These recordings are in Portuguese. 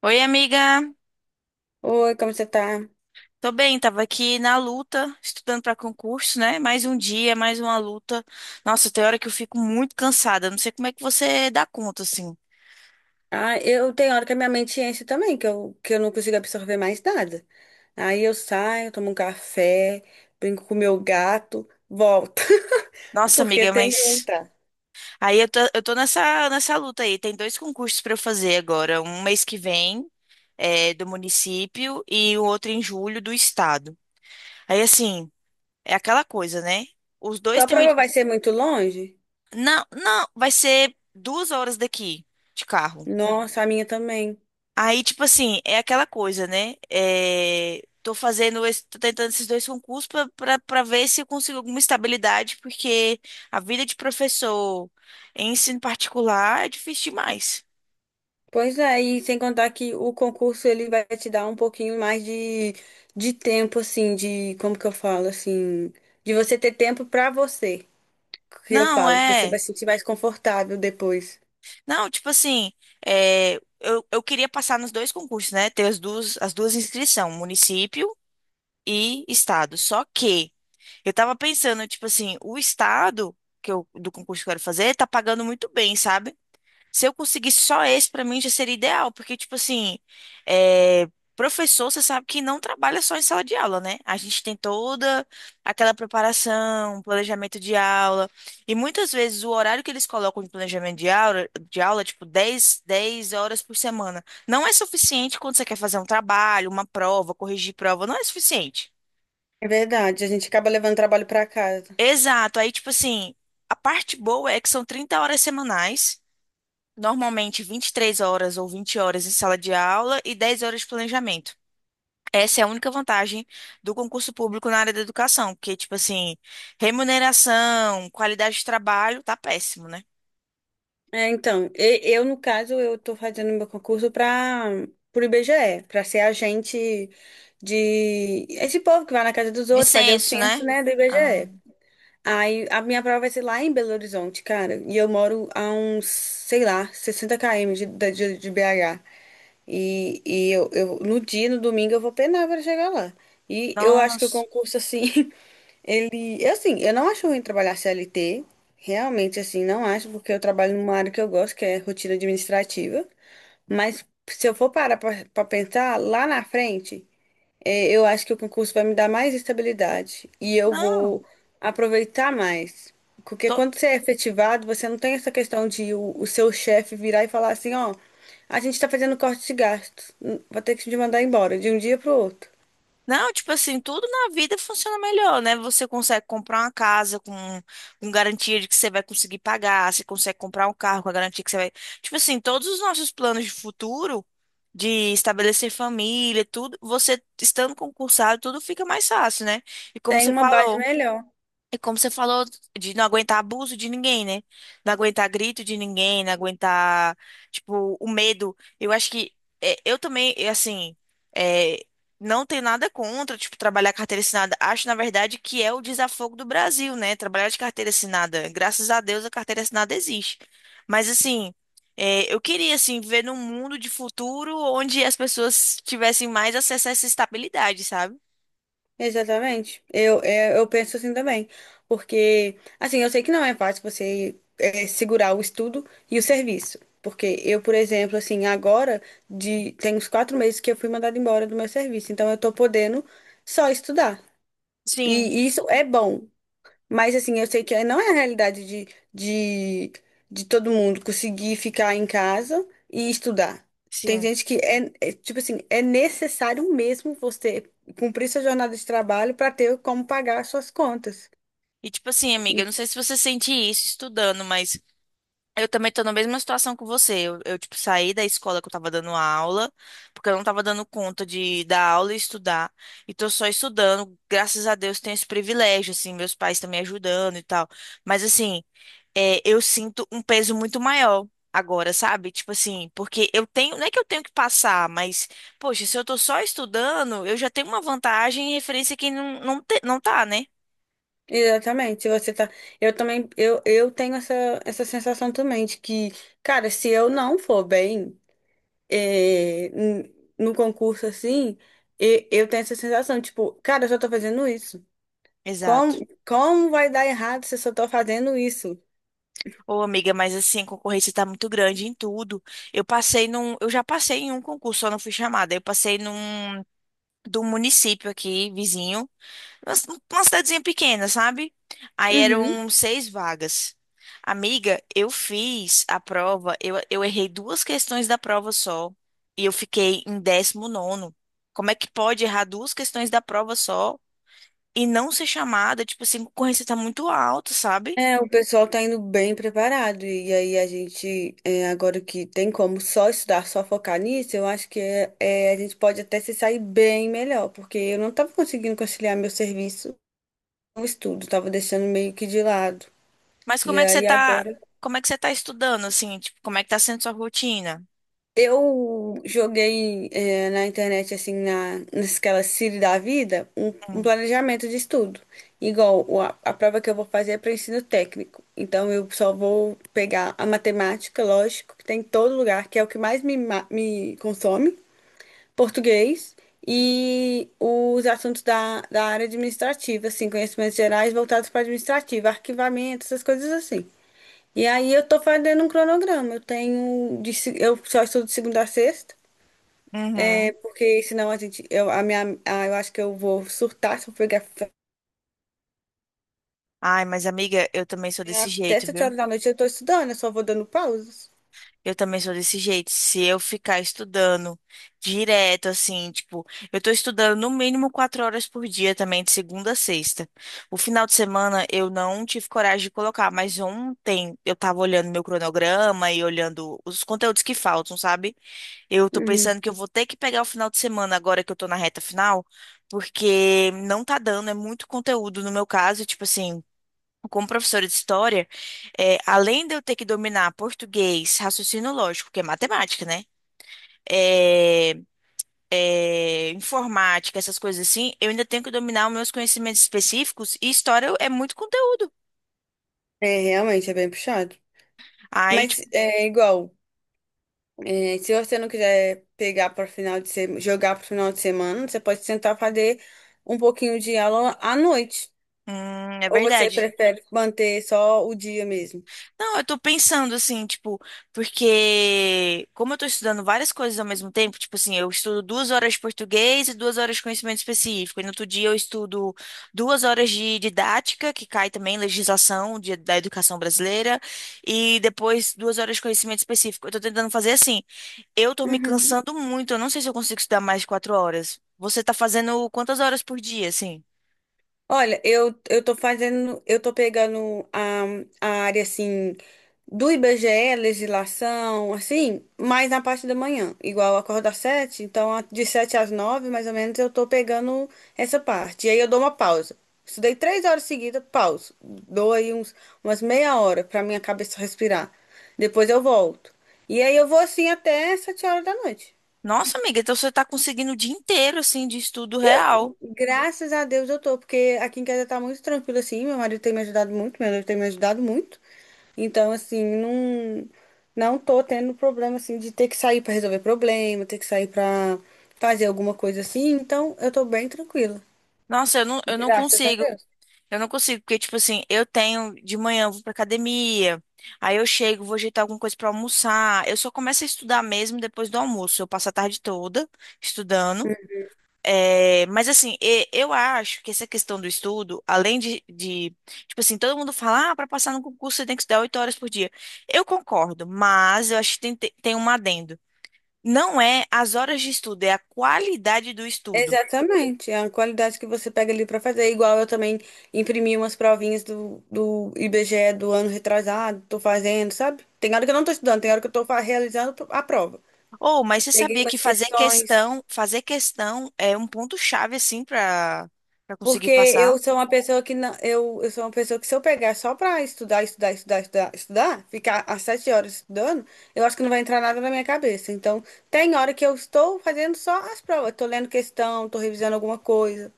Oi, amiga. Oi, como você tá? Tô bem, tava aqui na luta, estudando pra concurso, né? Mais um dia, mais uma luta. Nossa, tem hora que eu fico muito cansada. Não sei como é que você dá conta, assim. Ah, eu tenho hora que a minha mente enche também, que eu não consigo absorver mais nada. Aí eu saio, tomo um café, brinco com o meu gato, volto, Nossa, porque amiga, tem que mas. voltar. Aí eu tô nessa luta aí. Tem dois concursos pra eu fazer agora. Um mês que vem, é, do município, e o outro em julho, do estado. Aí, assim, é aquela coisa, né? Os dois Sua têm. Prova vai ser muito longe? Não, não, vai ser 2 horas daqui de carro. Nossa, a minha também. Aí, tipo assim, é aquela coisa, né? É, tô tentando esses dois concursos pra ver se eu consigo alguma estabilidade, porque a vida de professor em ensino particular é difícil demais. Pois é, e sem contar que o concurso ele vai te dar um pouquinho mais de tempo, assim, de, como que eu falo, assim, de você ter tempo pra você. Que eu Não, falo, você vai é. se sentir mais confortável depois. Não, tipo assim, eu queria passar nos dois concursos, né? Ter as duas inscrições, município e estado. Só que eu tava pensando, tipo assim, o estado do concurso que eu quero fazer tá pagando muito bem, sabe? Se eu conseguir só esse, pra mim já seria ideal, porque, tipo assim, é, professor, você sabe que não trabalha só em sala de aula, né? A gente tem toda aquela preparação, planejamento de aula, e muitas vezes o horário que eles colocam de planejamento de aula, tipo dez horas por semana, não é suficiente quando você quer fazer um trabalho, uma prova, corrigir prova, não é suficiente. É verdade, a gente acaba levando trabalho para casa. Exato, aí, tipo assim, a parte boa é que são 30 horas semanais. Normalmente 23 horas ou 20 horas em sala de aula e 10 horas de planejamento. Essa é a única vantagem do concurso público na área da educação, porque, tipo assim, remuneração, qualidade de trabalho, tá péssimo, né? É, então, eu, no caso, eu tô fazendo meu concurso para pro IBGE, para ser agente de esse povo que vai na casa dos outros, fazer o Dissenso, né? censo, né, do Ah, IBGE. Aí a minha prova vai ser lá em Belo Horizonte, cara, e eu moro a uns, sei lá, 60 km de BH. E eu, no dia, no domingo, eu vou penar para chegar lá. E eu acho que o nossa, concurso, assim, E, assim, eu não acho ruim trabalhar CLT, realmente, assim, não acho, porque eu trabalho numa área que eu gosto, que é rotina administrativa. Mas se eu for parar pra pensar, lá na frente, eu acho que o concurso vai me dar mais estabilidade e eu não. vou aproveitar mais. Porque quando você é efetivado, você não tem essa questão de o seu chefe virar e falar assim, ó, a gente tá fazendo corte de gastos, vou ter que te mandar embora de um dia pro outro. Não, tipo assim, tudo na vida funciona melhor, né? Você consegue comprar uma casa com garantia de que você vai conseguir pagar, você consegue comprar um carro com a garantia que você vai. Tipo assim, todos os nossos planos de futuro, de estabelecer família, tudo, você estando concursado, tudo fica mais fácil, né? E como Tem você uma base falou. melhor. É como você falou, de não aguentar abuso de ninguém, né? Não aguentar grito de ninguém, não aguentar, tipo, o medo. Eu acho que eu também, assim, é, não tenho nada contra, tipo, trabalhar carteira assinada. Acho, na verdade, que é o desafogo do Brasil, né? Trabalhar de carteira assinada. Graças a Deus a carteira assinada existe. Mas, assim, eu queria, assim, viver num mundo de futuro onde as pessoas tivessem mais acesso a essa estabilidade, sabe? Exatamente. Eu penso assim também. Porque, assim, eu sei que não é fácil você segurar o estudo e o serviço. Porque eu, por exemplo, assim, agora tem uns 4 meses que eu fui mandada embora do meu serviço. Então eu tô podendo só estudar. Sim, E isso é bom. Mas assim, eu sei que não é a realidade de, de todo mundo conseguir ficar em casa e estudar. Tem sim. gente que é, tipo assim, é necessário mesmo você cumprir sua jornada de trabalho para ter como pagar as suas contas. E tipo assim, amiga, eu não sei se você sente isso estudando, mas eu também tô na mesma situação que você. Tipo, saí da escola que eu tava dando aula, porque eu não tava dando conta de dar aula e estudar. E tô só estudando. Graças a Deus tenho esse privilégio, assim, meus pais estão me ajudando e tal. Mas assim, eu sinto um peso muito maior. Agora, sabe? Tipo assim, porque eu tenho, não é que eu tenho que passar, mas, poxa, se eu tô só estudando, eu já tenho uma vantagem em referência a quem não tá, né? Exatamente, se você tá. Eu também, eu tenho essa sensação também de que, cara, se eu não for bem no concurso assim, eu tenho essa sensação, tipo, cara, eu só tô fazendo isso. Exato. Como, como vai dar errado se eu só tô fazendo isso? Ô, amiga, mas assim, a concorrência tá muito grande em tudo. Eu já passei em um concurso, só não fui chamada. Eu passei num do município aqui, vizinho, uma c- uma cidadezinha pequena, sabe? Aí Uhum. eram seis vagas. Amiga, eu fiz a prova, eu errei duas questões da prova só, e eu fiquei em 19º. Como é que pode errar duas questões da prova só e não ser chamada? Tipo assim, a concorrência tá muito alta, sabe? É, o pessoal tá indo bem preparado. E aí a gente, agora que tem como só estudar, só focar nisso, eu acho que a gente pode até se sair bem melhor, porque eu não tava conseguindo conciliar meu serviço com o estudo, tava deixando meio que de lado. Mas E como é que você aí tá, agora. como é que você tá estudando, assim? Tipo, como é que tá sendo sua rotina? Eu joguei na internet, assim, naquela Siri da vida, um Hum. planejamento de estudo. Igual a prova que eu vou fazer é para ensino técnico. Então, eu só vou pegar a matemática, lógico, que tem em todo lugar, que é o que mais me consome, português e os assuntos da área administrativa, assim, conhecimentos gerais voltados para administrativa, arquivamento, essas coisas assim. E aí eu tô fazendo um cronograma. Eu tenho de, se- eu só estudo de segunda a sexta, Uhum. porque senão a gente eu a minha a- eu acho que eu vou surtar se eu pegar. Ai, mas amiga, eu também sou desse Até jeito, sete viu? horas da noite eu tô estudando, eu só vou dando pausas. Eu também sou desse jeito. Se eu ficar estudando direto, assim, tipo, eu tô estudando no mínimo 4 horas por dia também, de segunda a sexta. O final de semana eu não tive coragem de colocar, mas ontem eu tava olhando meu cronograma e olhando os conteúdos que faltam, sabe? Eu tô Uhum. pensando que eu vou ter que pegar o final de semana agora que eu tô na reta final, porque não tá dando, é muito conteúdo no meu caso, tipo assim, como professora de história, além de eu ter que dominar português, raciocínio lógico, que é matemática, né? É, informática, essas coisas assim, eu ainda tenho que dominar os meus conhecimentos específicos e história é muito conteúdo. É, realmente é bem puxado. Aí, Mas tipo, é igual, se você não quiser pegar para final de semana, jogar para final de semana, você pode tentar fazer um pouquinho de aula à noite. É Ou você verdade. prefere manter só o dia mesmo? Não, eu tô pensando assim, tipo, porque como eu tô estudando várias coisas ao mesmo tempo, tipo assim, eu estudo 2 horas de português e 2 horas de conhecimento específico. E no outro dia eu estudo 2 horas de didática, que cai também legislação da educação brasileira, e depois 2 horas de conhecimento específico. Eu tô tentando fazer assim. Eu tô me Uhum. cansando muito, eu não sei se eu consigo estudar mais de 4 horas. Você tá fazendo quantas horas por dia, assim? Olha, eu tô fazendo, eu tô pegando a área assim do IBGE, legislação, assim, mais na parte da manhã, igual eu acordo às sete, então de sete às nove, mais ou menos, eu tô pegando essa parte. E aí eu dou uma pausa. Estudei 3 horas seguidas, pauso. Dou aí umas meia hora pra minha cabeça respirar. Depois eu volto. E aí eu vou assim até 7 horas da noite. Nossa, amiga, então você tá conseguindo o dia inteiro, assim, de estudo real. Graças a Deus eu tô, porque aqui em casa tá muito tranquilo assim. Meu marido tem me ajudado muito, meu noivo tem me ajudado muito. Então, assim, não, não tô tendo problema assim de ter que sair pra resolver problema, ter que sair pra fazer alguma coisa assim. Então, eu tô bem tranquila. Nossa, eu não Graças a consigo. Deus. Eu não consigo, porque, tipo assim, eu tenho de manhã, eu vou pra academia, aí eu chego, vou ajeitar alguma coisa pra almoçar. Eu só começo a estudar mesmo depois do almoço. Eu passo a tarde toda estudando. É, mas assim, eu acho que essa questão do estudo, além de, tipo assim, todo mundo fala, ah, para passar no concurso você tem que estudar 8 horas por dia. Eu concordo, mas eu acho que tem um adendo. Não é as horas de estudo, é a qualidade do estudo. Exatamente, é uma qualidade que você pega ali pra fazer. Igual eu também imprimi umas provinhas do IBGE do ano retrasado, tô fazendo, sabe? Tem hora que eu não tô estudando, tem hora que eu tô realizando a prova. Ou, mas você Peguei sabia umas que questões, fazer questão é um ponto-chave, assim, para conseguir porque passar? eu sou uma pessoa que não, eu sou uma pessoa que se eu pegar só para estudar, estudar, estudar, estudar, estudar, ficar às sete horas estudando, eu acho que não vai entrar nada na minha cabeça. Então, tem hora que eu estou fazendo só as provas, estou lendo questão, estou revisando alguma coisa.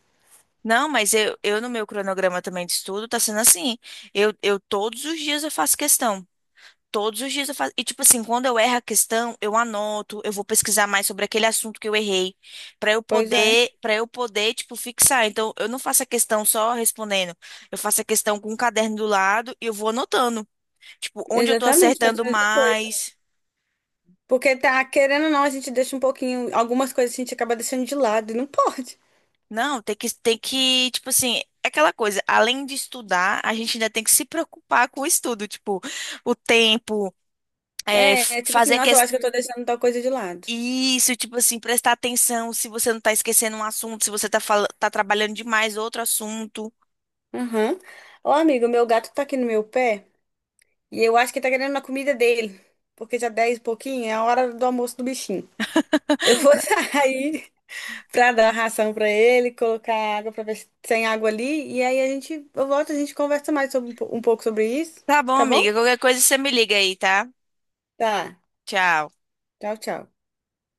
Não, mas eu no meu cronograma também de estudo tá sendo assim. Eu todos os dias eu faço questão. Todos os dias eu faço. E tipo assim, quando eu erro a questão, eu anoto, eu vou pesquisar mais sobre aquele assunto que eu errei, Pois é, para eu poder, tipo, fixar. Então, eu não faço a questão só respondendo. Eu faço a questão com um caderno do lado e eu vou anotando, tipo, onde eu tô exatamente, faz acertando a mesma coisa. mais. Porque tá querendo ou não, a gente deixa um pouquinho, algumas coisas a gente acaba deixando de lado e não pode. Não, tem que, tipo assim, é aquela coisa, além de estudar, a gente ainda tem que se preocupar com o estudo, tipo, o tempo, É, é tipo assim, fazer que nossa, eu acho que eu tô deixando tal coisa de lado. isso, tipo assim, prestar atenção se você não tá esquecendo um assunto, se você tá, tá trabalhando demais outro assunto. Aham. Ô, amigo, meu gato tá aqui no meu pé. E eu acho que tá querendo uma comida dele, porque já 10 e pouquinho é a hora do almoço do bichinho. Eu vou sair pra dar ração pra ele, colocar água pra ver se tem água ali, e aí a gente, eu volto, e a gente conversa mais sobre um pouco sobre isso, Tá bom, tá bom? amiga, qualquer coisa você me liga aí, tá? Tá. Tchau. Tchau, tchau.